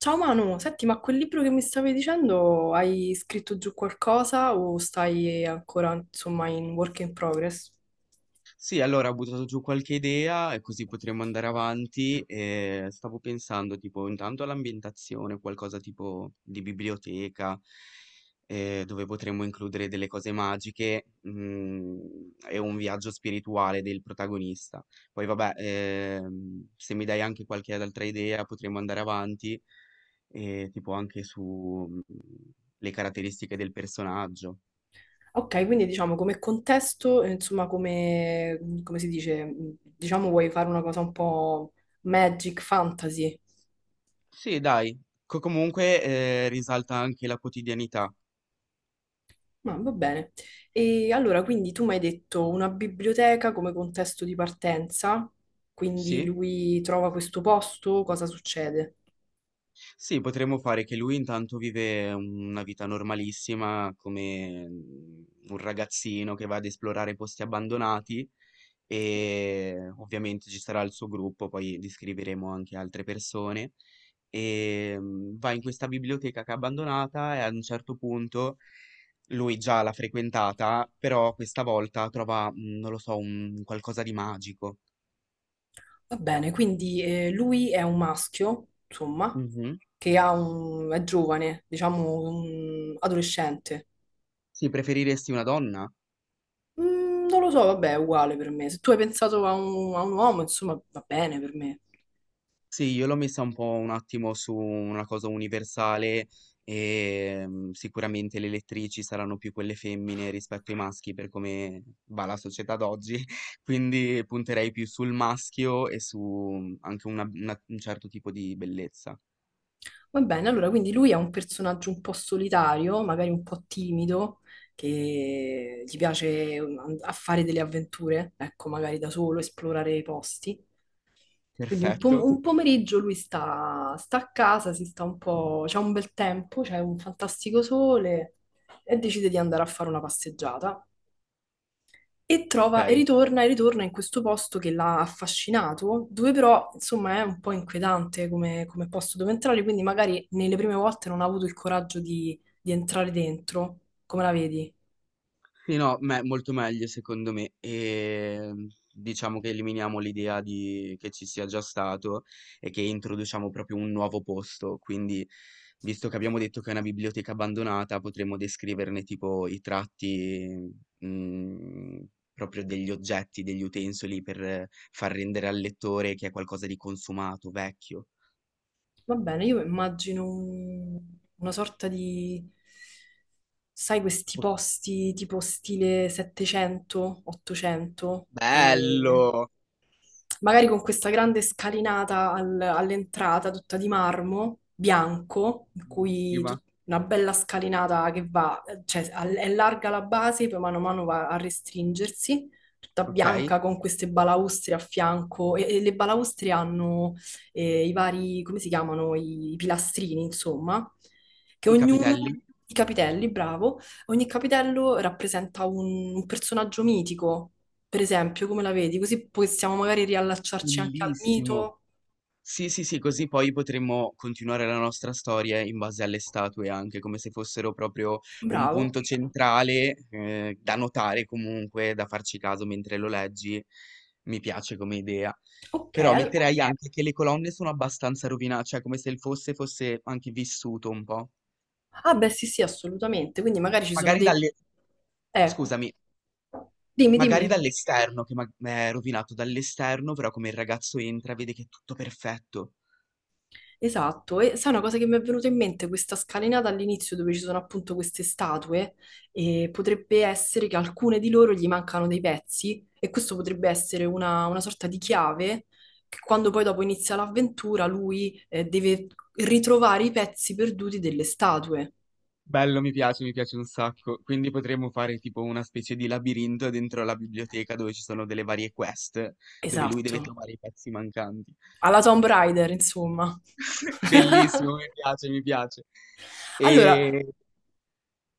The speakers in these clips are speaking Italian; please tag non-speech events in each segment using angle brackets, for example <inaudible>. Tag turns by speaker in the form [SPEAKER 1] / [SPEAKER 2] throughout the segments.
[SPEAKER 1] Ciao Manu, senti, ma quel libro che mi stavi dicendo, hai scritto giù qualcosa o stai ancora, insomma, in work in progress?
[SPEAKER 2] Sì, allora ho buttato giù qualche idea e così potremmo andare avanti e stavo pensando tipo intanto all'ambientazione, qualcosa tipo di biblioteca dove potremmo includere delle cose magiche e un viaggio spirituale del protagonista. Poi vabbè, se mi dai anche qualche altra idea potremmo andare avanti e tipo anche su. Le caratteristiche del personaggio.
[SPEAKER 1] Ok, quindi diciamo come contesto, insomma, come si dice, diciamo vuoi fare una cosa un po' magic fantasy,
[SPEAKER 2] Sì dai, co comunque, risalta anche la quotidianità.
[SPEAKER 1] ma va bene. E allora, quindi tu mi hai detto una biblioteca come contesto di partenza, quindi
[SPEAKER 2] Sì,
[SPEAKER 1] lui trova questo posto, cosa succede?
[SPEAKER 2] sì potremmo fare che lui intanto vive una vita normalissima come, un ragazzino che va ad esplorare posti abbandonati e ovviamente ci sarà il suo gruppo, poi descriveremo anche altre persone. Va in questa biblioteca che è abbandonata e a un certo punto lui già l'ha frequentata, però questa volta trova, non lo so, un qualcosa di magico.
[SPEAKER 1] Va bene, quindi lui è un maschio, insomma,
[SPEAKER 2] Mh-mh.
[SPEAKER 1] che è giovane, diciamo un adolescente.
[SPEAKER 2] Sì, preferiresti una donna?
[SPEAKER 1] Non lo so, vabbè, è uguale per me. Se tu hai pensato a un uomo, insomma, va bene per me.
[SPEAKER 2] Sì, io l'ho messa un po' un attimo su una cosa universale, sicuramente le elettrici saranno più quelle femmine rispetto ai maschi per come va la società d'oggi, <laughs> quindi punterei più sul maschio e su, anche una un certo tipo di bellezza.
[SPEAKER 1] Va bene, allora, quindi lui è un personaggio un po' solitario, magari un po' timido, che gli piace a fare delle avventure, ecco, magari da solo, esplorare i posti. Quindi
[SPEAKER 2] Perfetto,
[SPEAKER 1] un pomeriggio lui sta a casa, si sta un po', c'è un bel tempo, c'è un fantastico sole e decide di andare a fare una passeggiata. E trova
[SPEAKER 2] okay.
[SPEAKER 1] e ritorna in questo posto che l'ha affascinato, dove però insomma è un po' inquietante come posto dove entrare, quindi magari nelle prime volte non ha avuto il coraggio di entrare dentro. Come la vedi?
[SPEAKER 2] Sì, no, me molto meglio secondo me. Diciamo che eliminiamo l'idea di che ci sia già stato e che introduciamo proprio un nuovo posto. Quindi, visto che abbiamo detto che è una biblioteca abbandonata, potremmo descriverne tipo i tratti, mhmm, proprio degli oggetti, degli utensili per far rendere al lettore che è qualcosa di consumato, vecchio.
[SPEAKER 1] Va bene, io immagino una sorta di, sai, questi
[SPEAKER 2] Ok,
[SPEAKER 1] posti tipo stile 700, 800 e
[SPEAKER 2] bello!
[SPEAKER 1] magari con questa grande scalinata all'entrata, tutta di marmo bianco, in cui
[SPEAKER 2] Bellissima.
[SPEAKER 1] una bella scalinata che va, cioè è larga la base, poi mano a mano va a restringersi, tutta
[SPEAKER 2] Okay.
[SPEAKER 1] bianca con queste balaustre a fianco e le balaustre hanno i vari, come si chiamano, i pilastrini, insomma, che
[SPEAKER 2] I
[SPEAKER 1] ognuno,
[SPEAKER 2] capitelli?
[SPEAKER 1] i capitelli, bravo, ogni capitello rappresenta un personaggio mitico. Per esempio, come la vedi? Così possiamo magari riallacciarci anche al
[SPEAKER 2] Bellissimo.
[SPEAKER 1] mito.
[SPEAKER 2] Sì, sì, sì, così poi potremmo continuare la nostra storia in base alle statue anche, come se fossero proprio un
[SPEAKER 1] Bravo.
[SPEAKER 2] punto centrale, da notare comunque, da farci caso mentre lo leggi. Mi piace come idea.
[SPEAKER 1] Ok.
[SPEAKER 2] Però metterei anche che le colonne sono abbastanza rovina, cioè come se il fosse anche vissuto un po'.
[SPEAKER 1] Ah, beh, sì, sì, assolutamente. Quindi magari ci sono
[SPEAKER 2] Magari
[SPEAKER 1] dei.
[SPEAKER 2] dalle,
[SPEAKER 1] Eh,
[SPEAKER 2] scusami,
[SPEAKER 1] dimmi,
[SPEAKER 2] magari
[SPEAKER 1] dimmi.
[SPEAKER 2] dall'esterno che ma è rovinato dall'esterno, però come il ragazzo entra vede che è tutto perfetto.
[SPEAKER 1] Esatto, e sai una cosa che mi è venuta in mente, questa scalinata all'inizio dove ci sono appunto queste statue, e potrebbe essere che alcune di loro gli mancano dei pezzi e questo potrebbe essere una sorta di chiave che quando poi dopo inizia l'avventura lui deve ritrovare i pezzi perduti delle statue.
[SPEAKER 2] Bello, mi piace un sacco. Quindi potremmo fare tipo una specie di labirinto dentro la biblioteca dove ci sono delle varie quest, dove lui deve
[SPEAKER 1] Esatto,
[SPEAKER 2] trovare i pezzi mancanti.
[SPEAKER 1] alla Tomb Raider, insomma.
[SPEAKER 2] <laughs>
[SPEAKER 1] <laughs>
[SPEAKER 2] Bellissimo, mi piace, mi piace.
[SPEAKER 1] Allora,
[SPEAKER 2] E...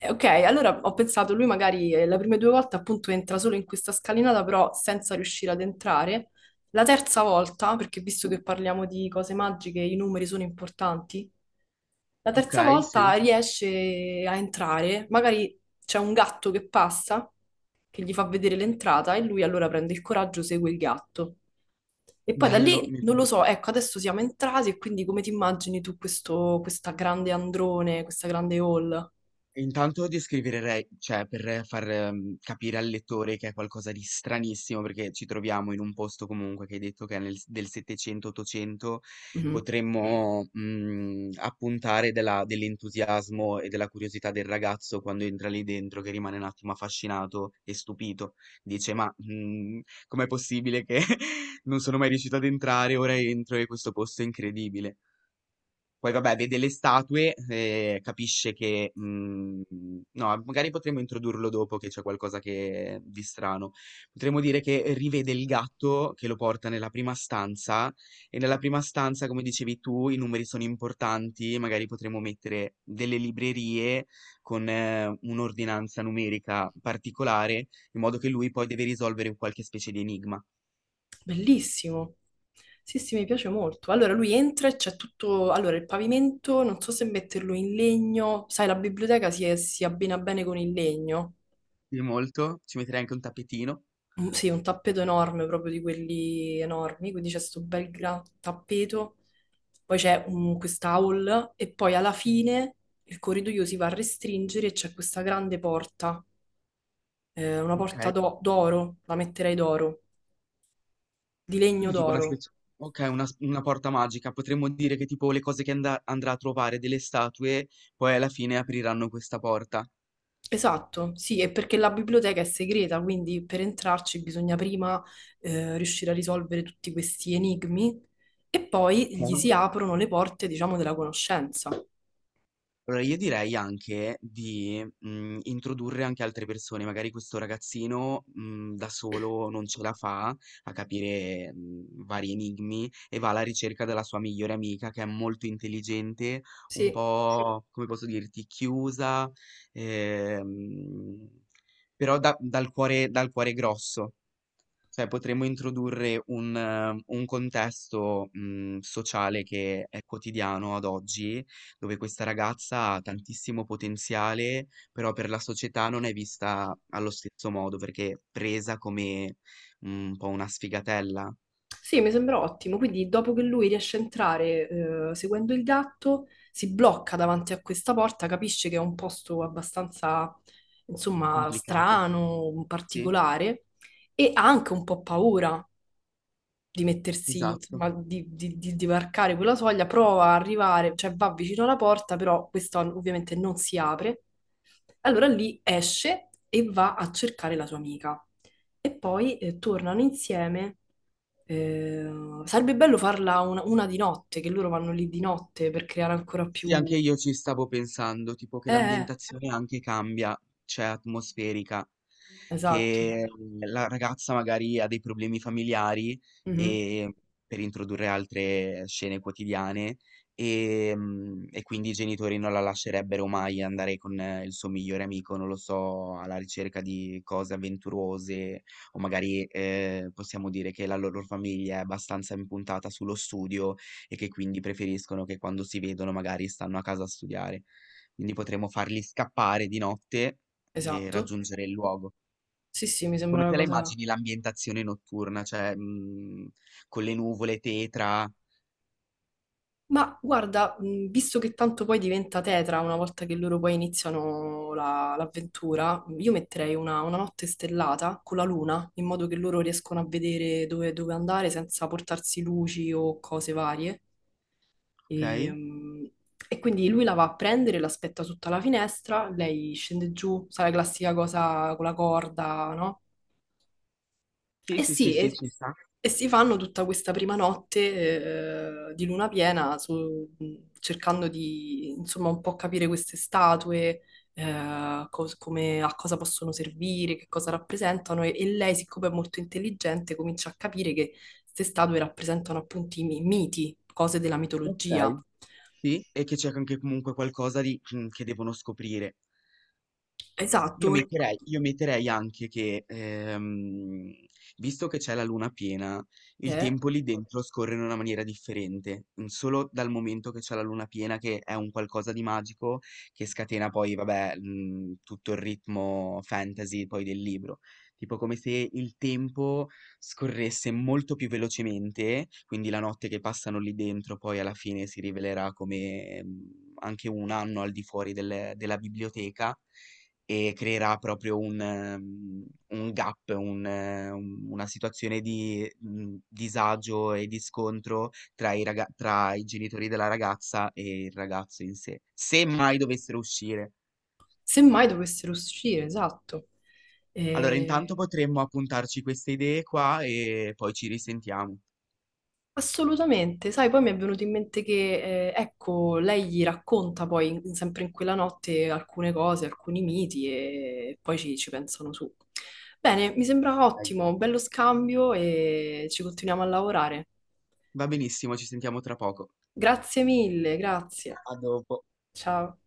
[SPEAKER 1] Ok, allora ho pensato, lui magari le prime due volte appunto entra solo in questa scalinata, però senza riuscire ad entrare. La terza volta, perché visto che parliamo di cose magiche, i numeri sono importanti, la
[SPEAKER 2] Ok,
[SPEAKER 1] terza
[SPEAKER 2] sì,
[SPEAKER 1] volta riesce a entrare, magari c'è un gatto che passa, che gli fa vedere l'entrata e lui allora prende il coraggio, segue il gatto. E poi da
[SPEAKER 2] bello,
[SPEAKER 1] lì,
[SPEAKER 2] mi
[SPEAKER 1] non lo
[SPEAKER 2] piace.
[SPEAKER 1] so, ecco, adesso siamo entrati e quindi come ti immagini tu questo, questa grande androne, questa grande hall?
[SPEAKER 2] Intanto descriverei, cioè per far, capire al lettore che è qualcosa di stranissimo, perché ci troviamo in un posto comunque che hai detto che è nel s del 700, 800,
[SPEAKER 1] Mhm.
[SPEAKER 2] potremmo, appuntare della dell'entusiasmo e della curiosità del ragazzo quando entra lì dentro, che rimane un attimo affascinato e stupito. Dice: "Ma, com'è possibile che <laughs> non sono mai riuscito ad entrare, ora entro e questo posto è incredibile". Poi vabbè, vede le statue, capisce che. No, magari potremmo introdurlo dopo che c'è qualcosa che di strano. Potremmo dire che rivede il gatto che lo porta nella prima stanza e nella prima stanza, come dicevi tu, i numeri sono importanti, magari potremmo mettere delle librerie con un'ordinanza numerica particolare, in modo che lui poi deve risolvere un qualche specie di enigma.
[SPEAKER 1] Bellissimo. Sì, sì, mi piace molto. Allora lui entra e c'è tutto. Allora il pavimento, non so se metterlo in legno. Sai, la biblioteca si abbina bene con il legno.
[SPEAKER 2] Quindi molto, ci metterei anche un tappetino.
[SPEAKER 1] Mm, sì, un tappeto enorme, proprio di quelli enormi. Quindi c'è questo bel gran tappeto. Poi c'è questa hall e poi alla fine il corridoio si va a restringere e c'è questa grande porta. Una
[SPEAKER 2] Ok.
[SPEAKER 1] porta d'oro, la metterei d'oro, di legno
[SPEAKER 2] Quindi tipo una
[SPEAKER 1] d'oro.
[SPEAKER 2] specie, okay, una s una porta magica. Potremmo dire che tipo le cose che anda andrà a trovare delle statue, poi alla fine apriranno questa porta.
[SPEAKER 1] Esatto, sì, è perché la biblioteca è segreta, quindi per entrarci bisogna prima riuscire a risolvere tutti questi enigmi e poi gli
[SPEAKER 2] Okay.
[SPEAKER 1] si aprono le porte, diciamo, della conoscenza.
[SPEAKER 2] Allora io direi anche di, introdurre anche altre persone, magari questo ragazzino, da solo non ce la fa a capire, vari enigmi e va alla ricerca della sua migliore amica che è molto intelligente, un sì,
[SPEAKER 1] Sì,
[SPEAKER 2] po' come posso dirti, chiusa, ehm, però da dal cuore grosso. Cioè potremmo introdurre un contesto, sociale che è quotidiano ad oggi, dove questa ragazza ha tantissimo potenziale, però per la società non è vista allo stesso modo, perché è presa come, un po' una sfigatella.
[SPEAKER 1] sì, mi sembra ottimo. Quindi dopo che lui riesce a entrare seguendo il gatto, si blocca davanti a questa porta, capisce che è un posto abbastanza, insomma,
[SPEAKER 2] Complicato.
[SPEAKER 1] strano,
[SPEAKER 2] Sì,
[SPEAKER 1] particolare e ha anche un po' paura, di mettersi,
[SPEAKER 2] esatto.
[SPEAKER 1] insomma, di varcare quella soglia, prova a arrivare, cioè va vicino alla porta, però questa ovviamente non si apre. Allora lì esce e va a cercare la sua amica. E poi tornano insieme. Eh, sarebbe bello farla una di notte, che loro vanno lì di notte per creare ancora
[SPEAKER 2] Sì,
[SPEAKER 1] più.
[SPEAKER 2] anche io ci stavo pensando, tipo che
[SPEAKER 1] Eh, eh,
[SPEAKER 2] l'ambientazione anche cambia, cioè atmosferica,
[SPEAKER 1] esatto.
[SPEAKER 2] che la ragazza magari ha dei problemi familiari
[SPEAKER 1] Mhm,
[SPEAKER 2] e per introdurre altre scene quotidiane e quindi i genitori non la lascerebbero mai andare con il suo migliore amico, non lo so, alla ricerca di cose avventurose o magari possiamo dire che la loro famiglia è abbastanza impuntata sullo studio e che quindi preferiscono che quando si vedono magari stanno a casa a studiare. Quindi potremmo farli scappare di notte e
[SPEAKER 1] esatto.
[SPEAKER 2] raggiungere il luogo.
[SPEAKER 1] Sì, sì, mi sembra
[SPEAKER 2] Come
[SPEAKER 1] una
[SPEAKER 2] te la
[SPEAKER 1] cosa.
[SPEAKER 2] immagini l'ambientazione notturna? Cioè, con le nuvole tetra,
[SPEAKER 1] Ma guarda, visto che tanto poi diventa tetra una volta che loro poi iniziano l'avventura, io metterei una notte stellata con la luna, in modo che loro riescono a vedere dove andare senza portarsi luci o cose varie. E,
[SPEAKER 2] okay?
[SPEAKER 1] mh, e quindi lui la va a prendere, l'aspetta sotto la finestra, lei scende giù, sai la classica cosa con la corda, no?
[SPEAKER 2] Sì,
[SPEAKER 1] E
[SPEAKER 2] sì, sì,
[SPEAKER 1] sì,
[SPEAKER 2] sì,
[SPEAKER 1] e,
[SPEAKER 2] ci sta.
[SPEAKER 1] e si fanno tutta questa prima notte di luna piena cercando di insomma un po' capire queste statue, a cosa possono servire, che cosa rappresentano e lei, siccome è molto intelligente, comincia a capire che queste statue rappresentano appunto i miti, cose della mitologia.
[SPEAKER 2] Okay. Sì, e che c'è anche comunque qualcosa di che devono scoprire. Io
[SPEAKER 1] Esatto,
[SPEAKER 2] metterei io metterei anche che, visto che c'è la luna piena, il
[SPEAKER 1] eh,
[SPEAKER 2] tempo lì dentro scorre in una maniera differente, solo dal momento che c'è la luna piena che è un qualcosa di magico, che scatena poi vabbè, tutto il ritmo fantasy poi del libro. Tipo come se il tempo scorresse molto più velocemente, quindi la notte che passano lì dentro poi alla fine si rivelerà come, anche un anno al di fuori del della biblioteca e creerà proprio un un gap, un una situazione di, disagio e di scontro tra i raga tra i genitori della ragazza e il ragazzo in sé, se mai dovessero uscire.
[SPEAKER 1] semmai dovessero uscire, esatto.
[SPEAKER 2] Allora
[SPEAKER 1] Eh,
[SPEAKER 2] intanto potremmo appuntarci queste idee qua e poi ci risentiamo.
[SPEAKER 1] Assolutamente, sai, poi mi è venuto in mente che, ecco, lei gli racconta poi, sempre in quella notte, alcune cose, alcuni miti e poi ci pensano su. Bene, mi sembra
[SPEAKER 2] Dai.
[SPEAKER 1] ottimo, bello scambio e ci continuiamo a lavorare.
[SPEAKER 2] Va benissimo, ci sentiamo tra poco.
[SPEAKER 1] Grazie mille, grazie.
[SPEAKER 2] A dopo.
[SPEAKER 1] Ciao.